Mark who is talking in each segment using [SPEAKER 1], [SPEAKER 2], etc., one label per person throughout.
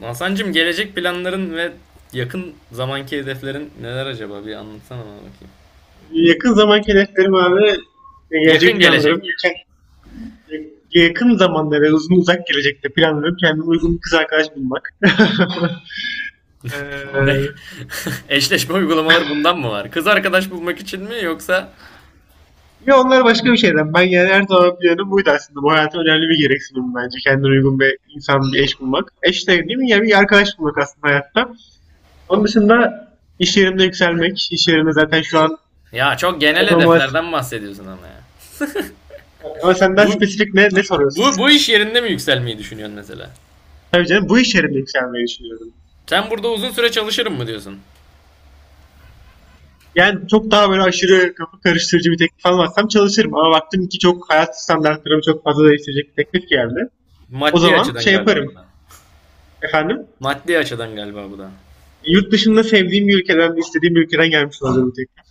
[SPEAKER 1] Hasan'cığım gelecek planların ve yakın zamanki hedeflerin neler acaba? Bir anlatsana bana bakayım.
[SPEAKER 2] Yakın zamanki hedeflerim abi gelecek
[SPEAKER 1] Yakın
[SPEAKER 2] planlarım
[SPEAKER 1] gelecek.
[SPEAKER 2] yakın, yakın zamanda ve uzun uzak gelecekte planlarım kendime uygun bir kız arkadaş bulmak.
[SPEAKER 1] Ne?
[SPEAKER 2] ee,
[SPEAKER 1] Eşleşme uygulamaları bundan mı var? Kız arkadaş bulmak için mi yoksa?
[SPEAKER 2] ya onlar başka bir şeyden. Ben yani her zaman planım buydu aslında. Bu hayata önemli bir gereksinim bence. Kendine uygun bir insan, bir eş bulmak. Eş de değil mi? Yani bir arkadaş bulmak aslında hayatta. Onun dışında iş yerimde yükselmek. İş yerinde zaten şu an
[SPEAKER 1] Ya çok genel
[SPEAKER 2] performans.
[SPEAKER 1] hedeflerden bahsediyorsun ama ya.
[SPEAKER 2] Ama senden
[SPEAKER 1] Bu
[SPEAKER 2] spesifik ne soruyorsun?
[SPEAKER 1] bu iş yerinde mi yükselmeyi düşünüyorsun mesela?
[SPEAKER 2] Tabii canım bu iş yerinde yükselmeyi düşünüyorum.
[SPEAKER 1] Sen burada uzun süre çalışırım mı diyorsun?
[SPEAKER 2] Yani çok daha böyle aşırı kafa karıştırıcı bir teklif almazsam çalışırım. Ama baktım ki çok hayat standartlarımı çok fazla değiştirecek bir teklif geldi. O
[SPEAKER 1] Maddi
[SPEAKER 2] zaman
[SPEAKER 1] açıdan
[SPEAKER 2] şey
[SPEAKER 1] galiba
[SPEAKER 2] yaparım.
[SPEAKER 1] bu da.
[SPEAKER 2] Efendim?
[SPEAKER 1] Maddi açıdan galiba bu da.
[SPEAKER 2] Yurt dışında sevdiğim bir ülkeden, istediğim bir ülkeden gelmiş olacağım bir teklif.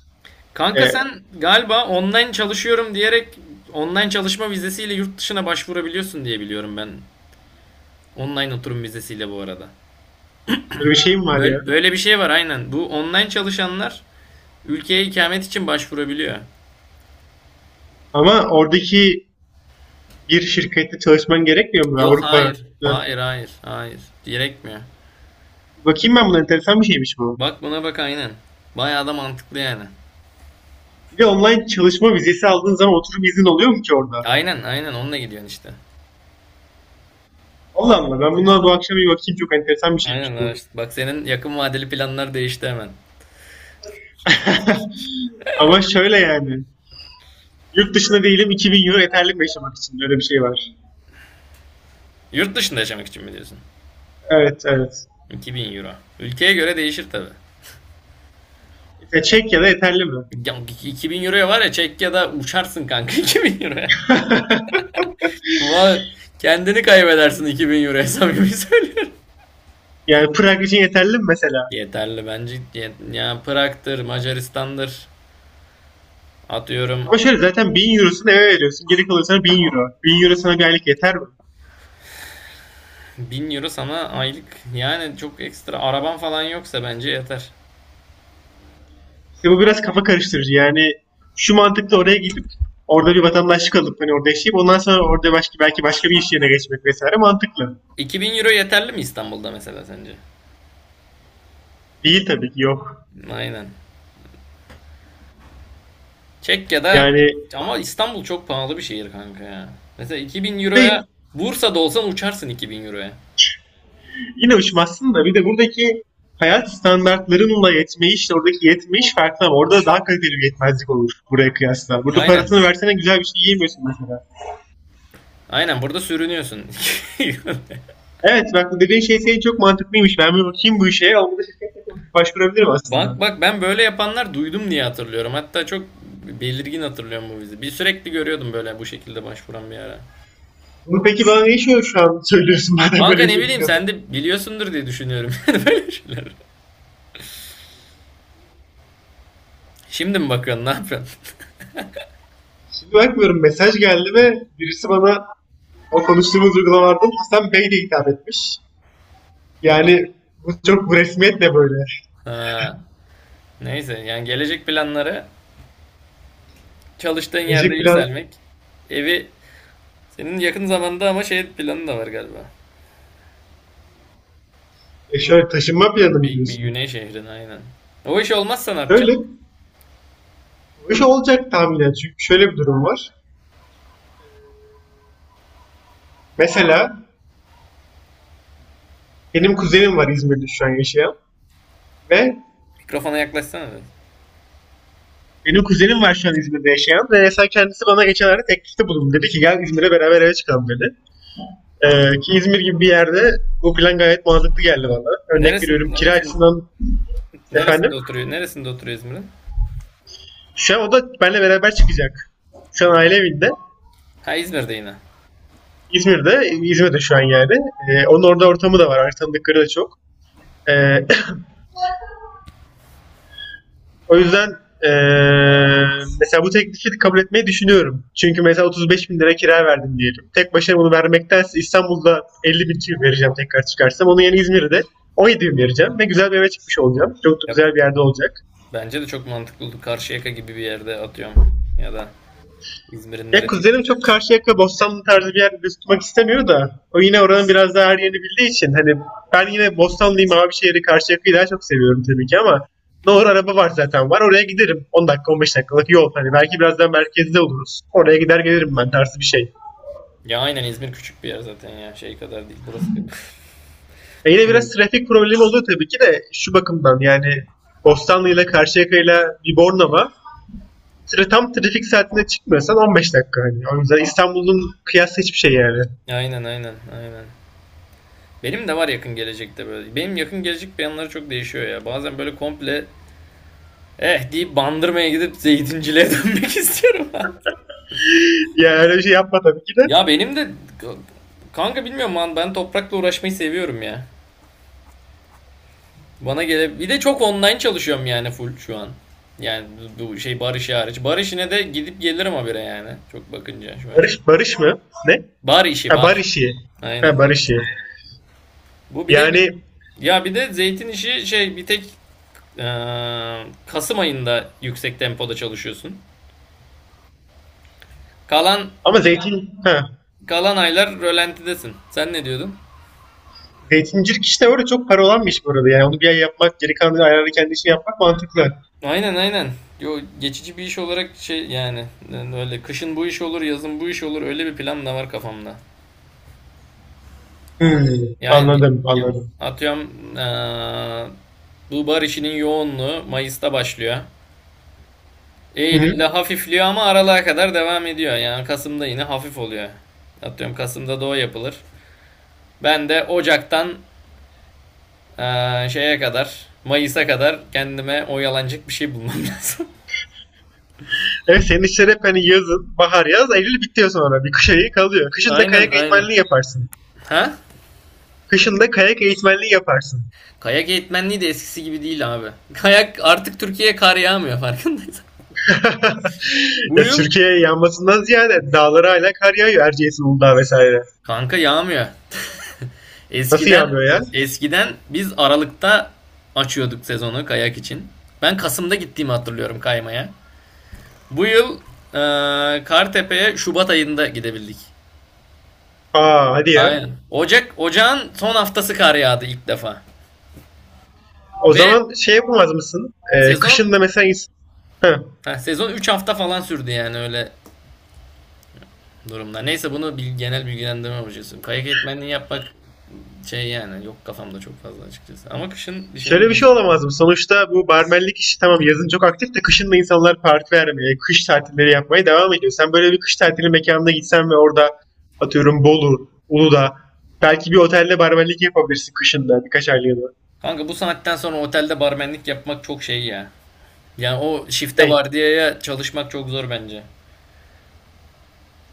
[SPEAKER 1] Kanka
[SPEAKER 2] Ee,
[SPEAKER 1] sen galiba online çalışıyorum diyerek online çalışma vizesiyle yurt dışına başvurabiliyorsun diye biliyorum ben. Online oturum vizesiyle bu arada.
[SPEAKER 2] böyle bir şeyim var
[SPEAKER 1] Böyle,
[SPEAKER 2] ya.
[SPEAKER 1] böyle bir şey var aynen. Bu online çalışanlar ülkeye ikamet için başvurabiliyor.
[SPEAKER 2] Ama oradaki bir şirkette çalışman gerekmiyor mu
[SPEAKER 1] Yok
[SPEAKER 2] Avrupa'da?
[SPEAKER 1] hayır. Hayır, hayır. Hayır. Gerekmiyor.
[SPEAKER 2] Bakayım ben buna, enteresan bir şeymiş bu.
[SPEAKER 1] Bak buna bak aynen. Bayağı da mantıklı yani.
[SPEAKER 2] Bir de online çalışma vizesi aldığın zaman oturum izin oluyor mu ki orada?
[SPEAKER 1] Aynen, aynen, onunla gidiyorsun işte.
[SPEAKER 2] Allah Allah, ben buna bu akşam bir bakayım, çok enteresan bir şeymiş
[SPEAKER 1] Aynen,
[SPEAKER 2] bu.
[SPEAKER 1] araştır. Bak, senin yakın vadeli planlar değişti hemen.
[SPEAKER 2] Ama şöyle yani, yurt dışında değilim, 2000 euro yeterli mi yaşamak için? Öyle bir şey var.
[SPEAKER 1] Yurt dışında yaşamak için mi diyorsun?
[SPEAKER 2] Evet, evet.
[SPEAKER 1] 2000 euro. Ülkeye göre değişir tabi.
[SPEAKER 2] Mesela Çek ya da yeterli mi?
[SPEAKER 1] Ya 2000 euroya var ya, Çekya'da uçarsın kanka. 2000 euroya. Vay, kendini kaybedersin 2000 euroya, samimi söylüyorum.
[SPEAKER 2] Yani Prag için yeterli mi mesela?
[SPEAKER 1] Yeterli bence. Ya Prag'dır, Macaristan'dır. Atıyorum.
[SPEAKER 2] Ama şöyle, zaten 1000 eurosunu eve veriyorsun. Geri kalıyor sana 1000 euro. 1000 euro sana bir aylık yeter mi?
[SPEAKER 1] 1000 euro sana aylık. Yani çok ekstra araban falan yoksa bence yeter.
[SPEAKER 2] İşte bu biraz kafa karıştırıcı. Yani şu mantıkla oraya gidip orada bir vatandaşlık alıp hani orada yaşayıp ondan sonra orada başka belki başka bir iş yerine geçmek vesaire mantıklı.
[SPEAKER 1] 2000 euro yeterli mi İstanbul'da mesela sence?
[SPEAKER 2] Değil tabii ki, yok.
[SPEAKER 1] Aynen. Çekya'da
[SPEAKER 2] Yani
[SPEAKER 1] ama İstanbul çok pahalı bir şehir kanka ya. Mesela 2000
[SPEAKER 2] bir de
[SPEAKER 1] euroya Bursa'da olsan uçarsın 2000 euroya.
[SPEAKER 2] yine uçmazsın da bir de buradaki hayat standartlarınla yetmeyiş, oradaki yetmeyiş farklı ama orada daha kaliteli bir yetmezlik olur buraya kıyasla. Burada
[SPEAKER 1] Aynen.
[SPEAKER 2] parasını versene güzel bir şey yiyemiyorsun mesela.
[SPEAKER 1] Aynen, burada sürünüyorsun.
[SPEAKER 2] Evet bak, bu dediğin şey senin çok mantıklıymış. Ben bir bakayım bu işe. Ama da şirketle konuşup başvurabilirim
[SPEAKER 1] Bak
[SPEAKER 2] aslında.
[SPEAKER 1] bak, ben böyle yapanlar duydum diye hatırlıyorum. Hatta çok belirgin hatırlıyorum bu vizi. Bir sürekli görüyordum böyle bu şekilde başvuran bir ara.
[SPEAKER 2] Bunu peki bana ne şu an söylüyorsun madem
[SPEAKER 1] Kanka
[SPEAKER 2] böyle bir
[SPEAKER 1] ne
[SPEAKER 2] şey
[SPEAKER 1] bileyim,
[SPEAKER 2] biliyordun.
[SPEAKER 1] sen de biliyorsundur diye düşünüyorum. Yani böyle şeyler. Şimdi mi bakıyorsun, ne yapıyorsun?
[SPEAKER 2] Şimdi bakmıyorum, mesaj geldi ve birisi bana o konuştuğumuz uygulamalardan Hasan Bey de hitap etmiş. Yani bu çok bu resmiyetle böyle.
[SPEAKER 1] Ha, neyse, yani gelecek planları çalıştığın yerde
[SPEAKER 2] Gelecek plan,
[SPEAKER 1] yükselmek. Evi Senin yakın zamanda ama şey planı da var galiba.
[SPEAKER 2] şöyle taşınma planı mı
[SPEAKER 1] Bir
[SPEAKER 2] diyorsun?
[SPEAKER 1] güney şehrine aynen. O iş olmazsa ne
[SPEAKER 2] Şöyle,
[SPEAKER 1] yapacaksın?
[SPEAKER 2] o iş olacak tahminen çünkü şöyle bir durum var. Mesela benim kuzenim var İzmir'de şu an yaşayan ve
[SPEAKER 1] Mikrofona yaklaşsana biraz.
[SPEAKER 2] benim kuzenim var şu an İzmir'de yaşayan ve mesela kendisi bana geçenlerde teklifte bulundu. Dedi ki gel İzmir'e beraber eve çıkalım dedi. Ki İzmir gibi bir yerde bu plan gayet mantıklı geldi bana. Örnek
[SPEAKER 1] Neresin,
[SPEAKER 2] veriyorum kira
[SPEAKER 1] neresin,
[SPEAKER 2] açısından, efendim.
[SPEAKER 1] neresinde oturuyor İzmir'in?
[SPEAKER 2] Şu an o da benimle beraber çıkacak. Şu an aile evinde.
[SPEAKER 1] Ha, İzmir'de yine.
[SPEAKER 2] İzmir'de, İzmir'de şu an yani. Onun orada ortamı da var. Artık tanıdıkları da çok. Ee, O yüzden eee, mesela bu teklifi kabul etmeyi düşünüyorum. Çünkü mesela 35 bin lira kira verdim diyelim. Tek başına bunu vermektense İstanbul'da 50 bin kira vereceğim tekrar çıkarsam. Onun yerine İzmir'de 17 bin vereceğim ve güzel bir eve çıkmış olacağım. Çok da
[SPEAKER 1] Yap-
[SPEAKER 2] güzel bir yerde olacak.
[SPEAKER 1] Bence de çok mantıklı oldu. Karşıyaka gibi bir yerde atıyorum. Ya da İzmir'in
[SPEAKER 2] Ya
[SPEAKER 1] neresi?
[SPEAKER 2] kuzenim çok Karşıyaka, Bostanlı tarzı bir yerde tutmak istemiyor da o yine oranın biraz daha her yerini bildiği için hani ben yine Bostanlıyım, Mavişehir'i, Karşıyaka'yı daha çok seviyorum tabii ki ama ne doğru, araba var zaten, var oraya giderim, 10 dakika 15 dakikalık yol hani, belki biraz daha merkezde oluruz, oraya gider gelirim ben tarzı bir şey.
[SPEAKER 1] Ya aynen, İzmir küçük bir yer zaten ya. Şey kadar değil. Burası gibi.
[SPEAKER 2] E yine biraz
[SPEAKER 1] Buralı.
[SPEAKER 2] trafik problemi oluyor tabii ki de, şu bakımdan yani Bostanlı ile Karşıyaka ile bir Bornova tam trafik saatinde çıkmıyorsan 15 dakika hani. O yüzden İstanbul'un kıyası hiçbir şey yani.
[SPEAKER 1] Aynen, aynen, aynen. Benim de var yakın gelecekte böyle. Benim yakın gelecek planları çok değişiyor ya. Bazen böyle komple eh deyip Bandırma'ya gidip zeytinciliğe dönmek istiyorum.
[SPEAKER 2] Yani öyle bir şey yapma tabii ki de.
[SPEAKER 1] Ya benim de, kanka bilmiyorum lan, ben toprakla uğraşmayı seviyorum ya. Bana gele, bir de çok online çalışıyorum yani, full şu an. Yani bu şey bar işi hariç. Bar işine de gidip gelirim habire yani. Çok bakınca şu açıdan.
[SPEAKER 2] Barış Barış mı? Ne?
[SPEAKER 1] Bar işi,
[SPEAKER 2] Ha,
[SPEAKER 1] bar.
[SPEAKER 2] Barışi. Ha,
[SPEAKER 1] Aynen.
[SPEAKER 2] Barışi.
[SPEAKER 1] Bu bir de bir,
[SPEAKER 2] Yani
[SPEAKER 1] ya bir de zeytin işi şey, bir tek Kasım ayında yüksek tempoda çalışıyorsun. Kalan
[SPEAKER 2] ama zeytin ha.
[SPEAKER 1] kalan aylar rölantidesin. Sen ne diyordun?
[SPEAKER 2] Zeytincilik işte öyle çok para olan bir iş bu arada. Yani onu bir ay yapmak, geri kalan ayarını kendi işini yapmak mantıklı.
[SPEAKER 1] Aynen, aynen. Yo, geçici bir iş olarak şey, yani öyle, kışın bu iş olur, yazın bu iş olur, öyle bir plan da var kafamda.
[SPEAKER 2] Hmm,
[SPEAKER 1] Yani
[SPEAKER 2] anladım, anladım.
[SPEAKER 1] atıyorum, eee, bu bar işinin yoğunluğu Mayıs'ta başlıyor. Eylül'de
[SPEAKER 2] Hı-hı.
[SPEAKER 1] hafifliyor ama Aralığa kadar devam ediyor. Yani Kasım'da yine hafif oluyor. Atıyorum Kasım'da da o yapılır. Ben de Ocak'tan, şeye kadar Mayıs'a kadar kendime oyalanacak bir şey bulmam lazım.
[SPEAKER 2] Evet, senin işler hep hani yazın, bahar yaz, Eylül bitiyor sonra. Bir kış ayı kalıyor. Kışın da
[SPEAKER 1] Aynen,
[SPEAKER 2] kayak
[SPEAKER 1] aynen.
[SPEAKER 2] eğitmenliği yaparsın.
[SPEAKER 1] Ha?
[SPEAKER 2] Kışın da kayak eğitmenliği yaparsın.
[SPEAKER 1] Kayak eğitmenliği de eskisi gibi değil abi. Kayak, artık Türkiye'ye kar yağmıyor farkındaysan. Bu
[SPEAKER 2] Ya
[SPEAKER 1] yıl
[SPEAKER 2] Türkiye yanmasından ziyade dağlara hala kar yağıyor. Erciyes, Uludağ vesaire.
[SPEAKER 1] kanka yağmıyor.
[SPEAKER 2] Nasıl
[SPEAKER 1] Eskiden
[SPEAKER 2] yağmıyor ya?
[SPEAKER 1] eskiden biz Aralık'ta açıyorduk sezonu kayak için. Ben Kasım'da gittiğimi hatırlıyorum kaymaya. Bu yıl Kartepe'ye Şubat ayında gidebildik.
[SPEAKER 2] Aa hadi ya.
[SPEAKER 1] Aynen. Ocağın son haftası kar yağdı ilk defa.
[SPEAKER 2] O
[SPEAKER 1] Ve
[SPEAKER 2] zaman şey yapamaz mısın?
[SPEAKER 1] sezon
[SPEAKER 2] Kışın da mesela Heh.
[SPEAKER 1] heh, sezon 3 hafta falan sürdü yani, öyle durumlar. Neyse, bunu bil, genel bilgilendirme hocası. Kayak eğitmenliği yapmak şey yani, yok kafamda çok fazla açıkçası. Ama kışın bir şeyle
[SPEAKER 2] Şöyle bir şey
[SPEAKER 1] uğraşmak.
[SPEAKER 2] olamaz mı? Sonuçta bu barmenlik işi tamam, yazın çok aktif de kışın da insanlar parti vermeye, kış tatilleri yapmaya devam ediyor. Sen böyle bir kış tatili mekanına gitsen ve orada atıyorum Bolu, Uludağ, belki bir otelde barmenlik yapabilirsin kışında birkaç aylığına.
[SPEAKER 1] Kanka bu saatten sonra otelde barmenlik yapmak çok şey ya. Yani o şifte
[SPEAKER 2] Ne?
[SPEAKER 1] vardiyaya çalışmak çok zor bence.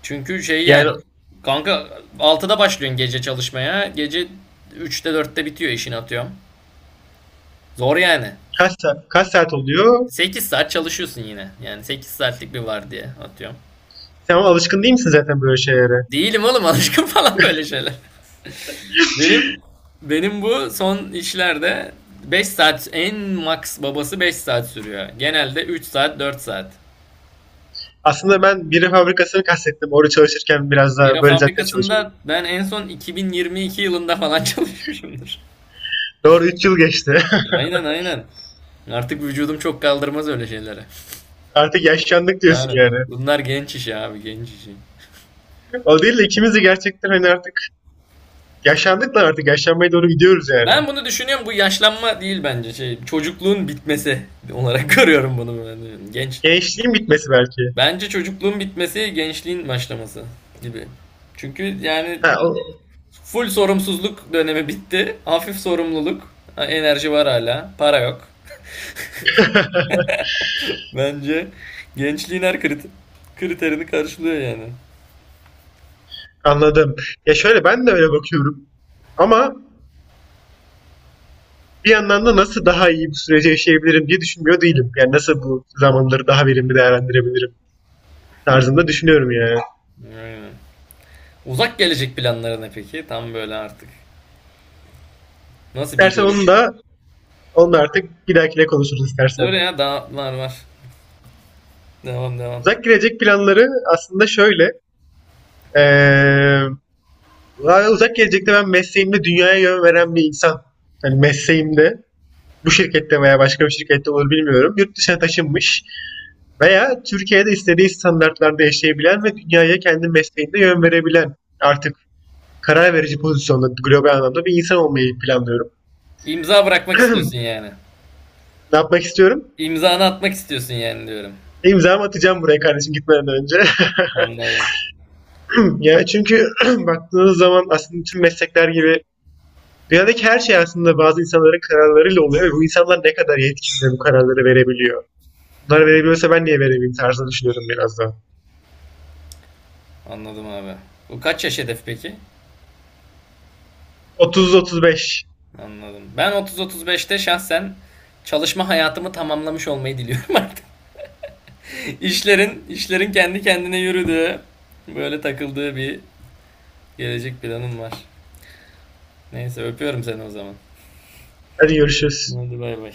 [SPEAKER 1] Çünkü şey
[SPEAKER 2] Yani
[SPEAKER 1] yani, kanka altıda başlıyorsun gece çalışmaya. Gece üçte dörtte bitiyor işini atıyorum. Zor yani.
[SPEAKER 2] kaç saat, kaç saat oluyor?
[SPEAKER 1] 8 saat çalışıyorsun yine. Yani 8 saatlik bir vardiya atıyorum.
[SPEAKER 2] Sen ama alışkın değil misin zaten böyle şeylere?
[SPEAKER 1] Değilim oğlum alışkın falan böyle şeyler. Benim benim bu son işlerde 5 saat, en max babası 5 saat sürüyor. Genelde 3 saat 4 saat.
[SPEAKER 2] Aslında ben biri fabrikasını kastettim. Orada çalışırken biraz daha
[SPEAKER 1] Bira
[SPEAKER 2] böyle zaten çalışıyordum.
[SPEAKER 1] fabrikasında ben en son 2022 yılında falan çalışmışımdır.
[SPEAKER 2] Doğru, 3 yıl geçti.
[SPEAKER 1] Aynen, aynen. Artık vücudum çok kaldırmaz öyle şeylere.
[SPEAKER 2] Artık yaşlandık diyorsun
[SPEAKER 1] Aynen.
[SPEAKER 2] yani.
[SPEAKER 1] Bunlar genç işi abi, genç işi.
[SPEAKER 2] O değil de ikimiz de gerçekten hani artık yaşlandık da artık yaşlanmaya doğru gidiyoruz yani.
[SPEAKER 1] Ben bunu düşünüyorum, bu yaşlanma değil bence, şey çocukluğun bitmesi olarak görüyorum bunu ben. Genç.
[SPEAKER 2] Gençliğin bitmesi belki.
[SPEAKER 1] Bence çocukluğun bitmesi, gençliğin başlaması gibi. Çünkü yani
[SPEAKER 2] Ha,
[SPEAKER 1] full sorumsuzluk dönemi bitti. Hafif sorumluluk. Ha, enerji var hala. Para yok. Bence gençliğin her kriterini karşılıyor yani.
[SPEAKER 2] anladım. Ya şöyle, ben de öyle bakıyorum. Ama bir yandan da nasıl daha iyi bu süreci yaşayabilirim diye düşünmüyor değilim. Yani nasıl bu zamanları daha verimli değerlendirebilirim tarzında düşünüyorum yani.
[SPEAKER 1] Aynen. Uzak gelecek planları ne peki? Tam böyle artık nasıl bir
[SPEAKER 2] İstersen
[SPEAKER 1] görüyor?
[SPEAKER 2] onu da artık bir dahakine konuşuruz
[SPEAKER 1] Dur
[SPEAKER 2] istersen.
[SPEAKER 1] ya, daha var var. Devam, devam.
[SPEAKER 2] Uzak gelecek planları aslında şöyle. Ee, Yani uzak gelecekte ben mesleğimde dünyaya yön veren bir insan. Hani mesleğimde bu şirkette veya başka bir şirkette olur bilmiyorum. Yurt dışına taşınmış veya Türkiye'de istediği standartlarda yaşayabilen ve dünyaya kendi mesleğinde yön verebilen artık karar verici pozisyonda global anlamda bir insan olmayı planlıyorum.
[SPEAKER 1] İmza bırakmak istiyorsun yani.
[SPEAKER 2] Ne yapmak istiyorum?
[SPEAKER 1] İmzanı atmak istiyorsun yani, diyorum.
[SPEAKER 2] İmzamı atacağım buraya kardeşim gitmeden önce.
[SPEAKER 1] Anladım.
[SPEAKER 2] ya çünkü baktığınız zaman aslında tüm meslekler gibi dünyadaki her şey aslında bazı insanların kararlarıyla oluyor ve bu insanlar ne kadar yetkin bu kararları verebiliyor. Bunları verebiliyorsa ben niye veremeyeyim tarzını düşünüyorum biraz da.
[SPEAKER 1] Anladım abi. Bu kaç yaş hedef peki?
[SPEAKER 2] 30-35.
[SPEAKER 1] Anladım. Ben 30-35'te şahsen çalışma hayatımı tamamlamış olmayı diliyorum artık. İşlerin kendi kendine yürüdüğü, böyle takıldığı bir gelecek planım var. Neyse, öpüyorum seni o zaman.
[SPEAKER 2] Hadi görüşürüz.
[SPEAKER 1] Hadi bay bay.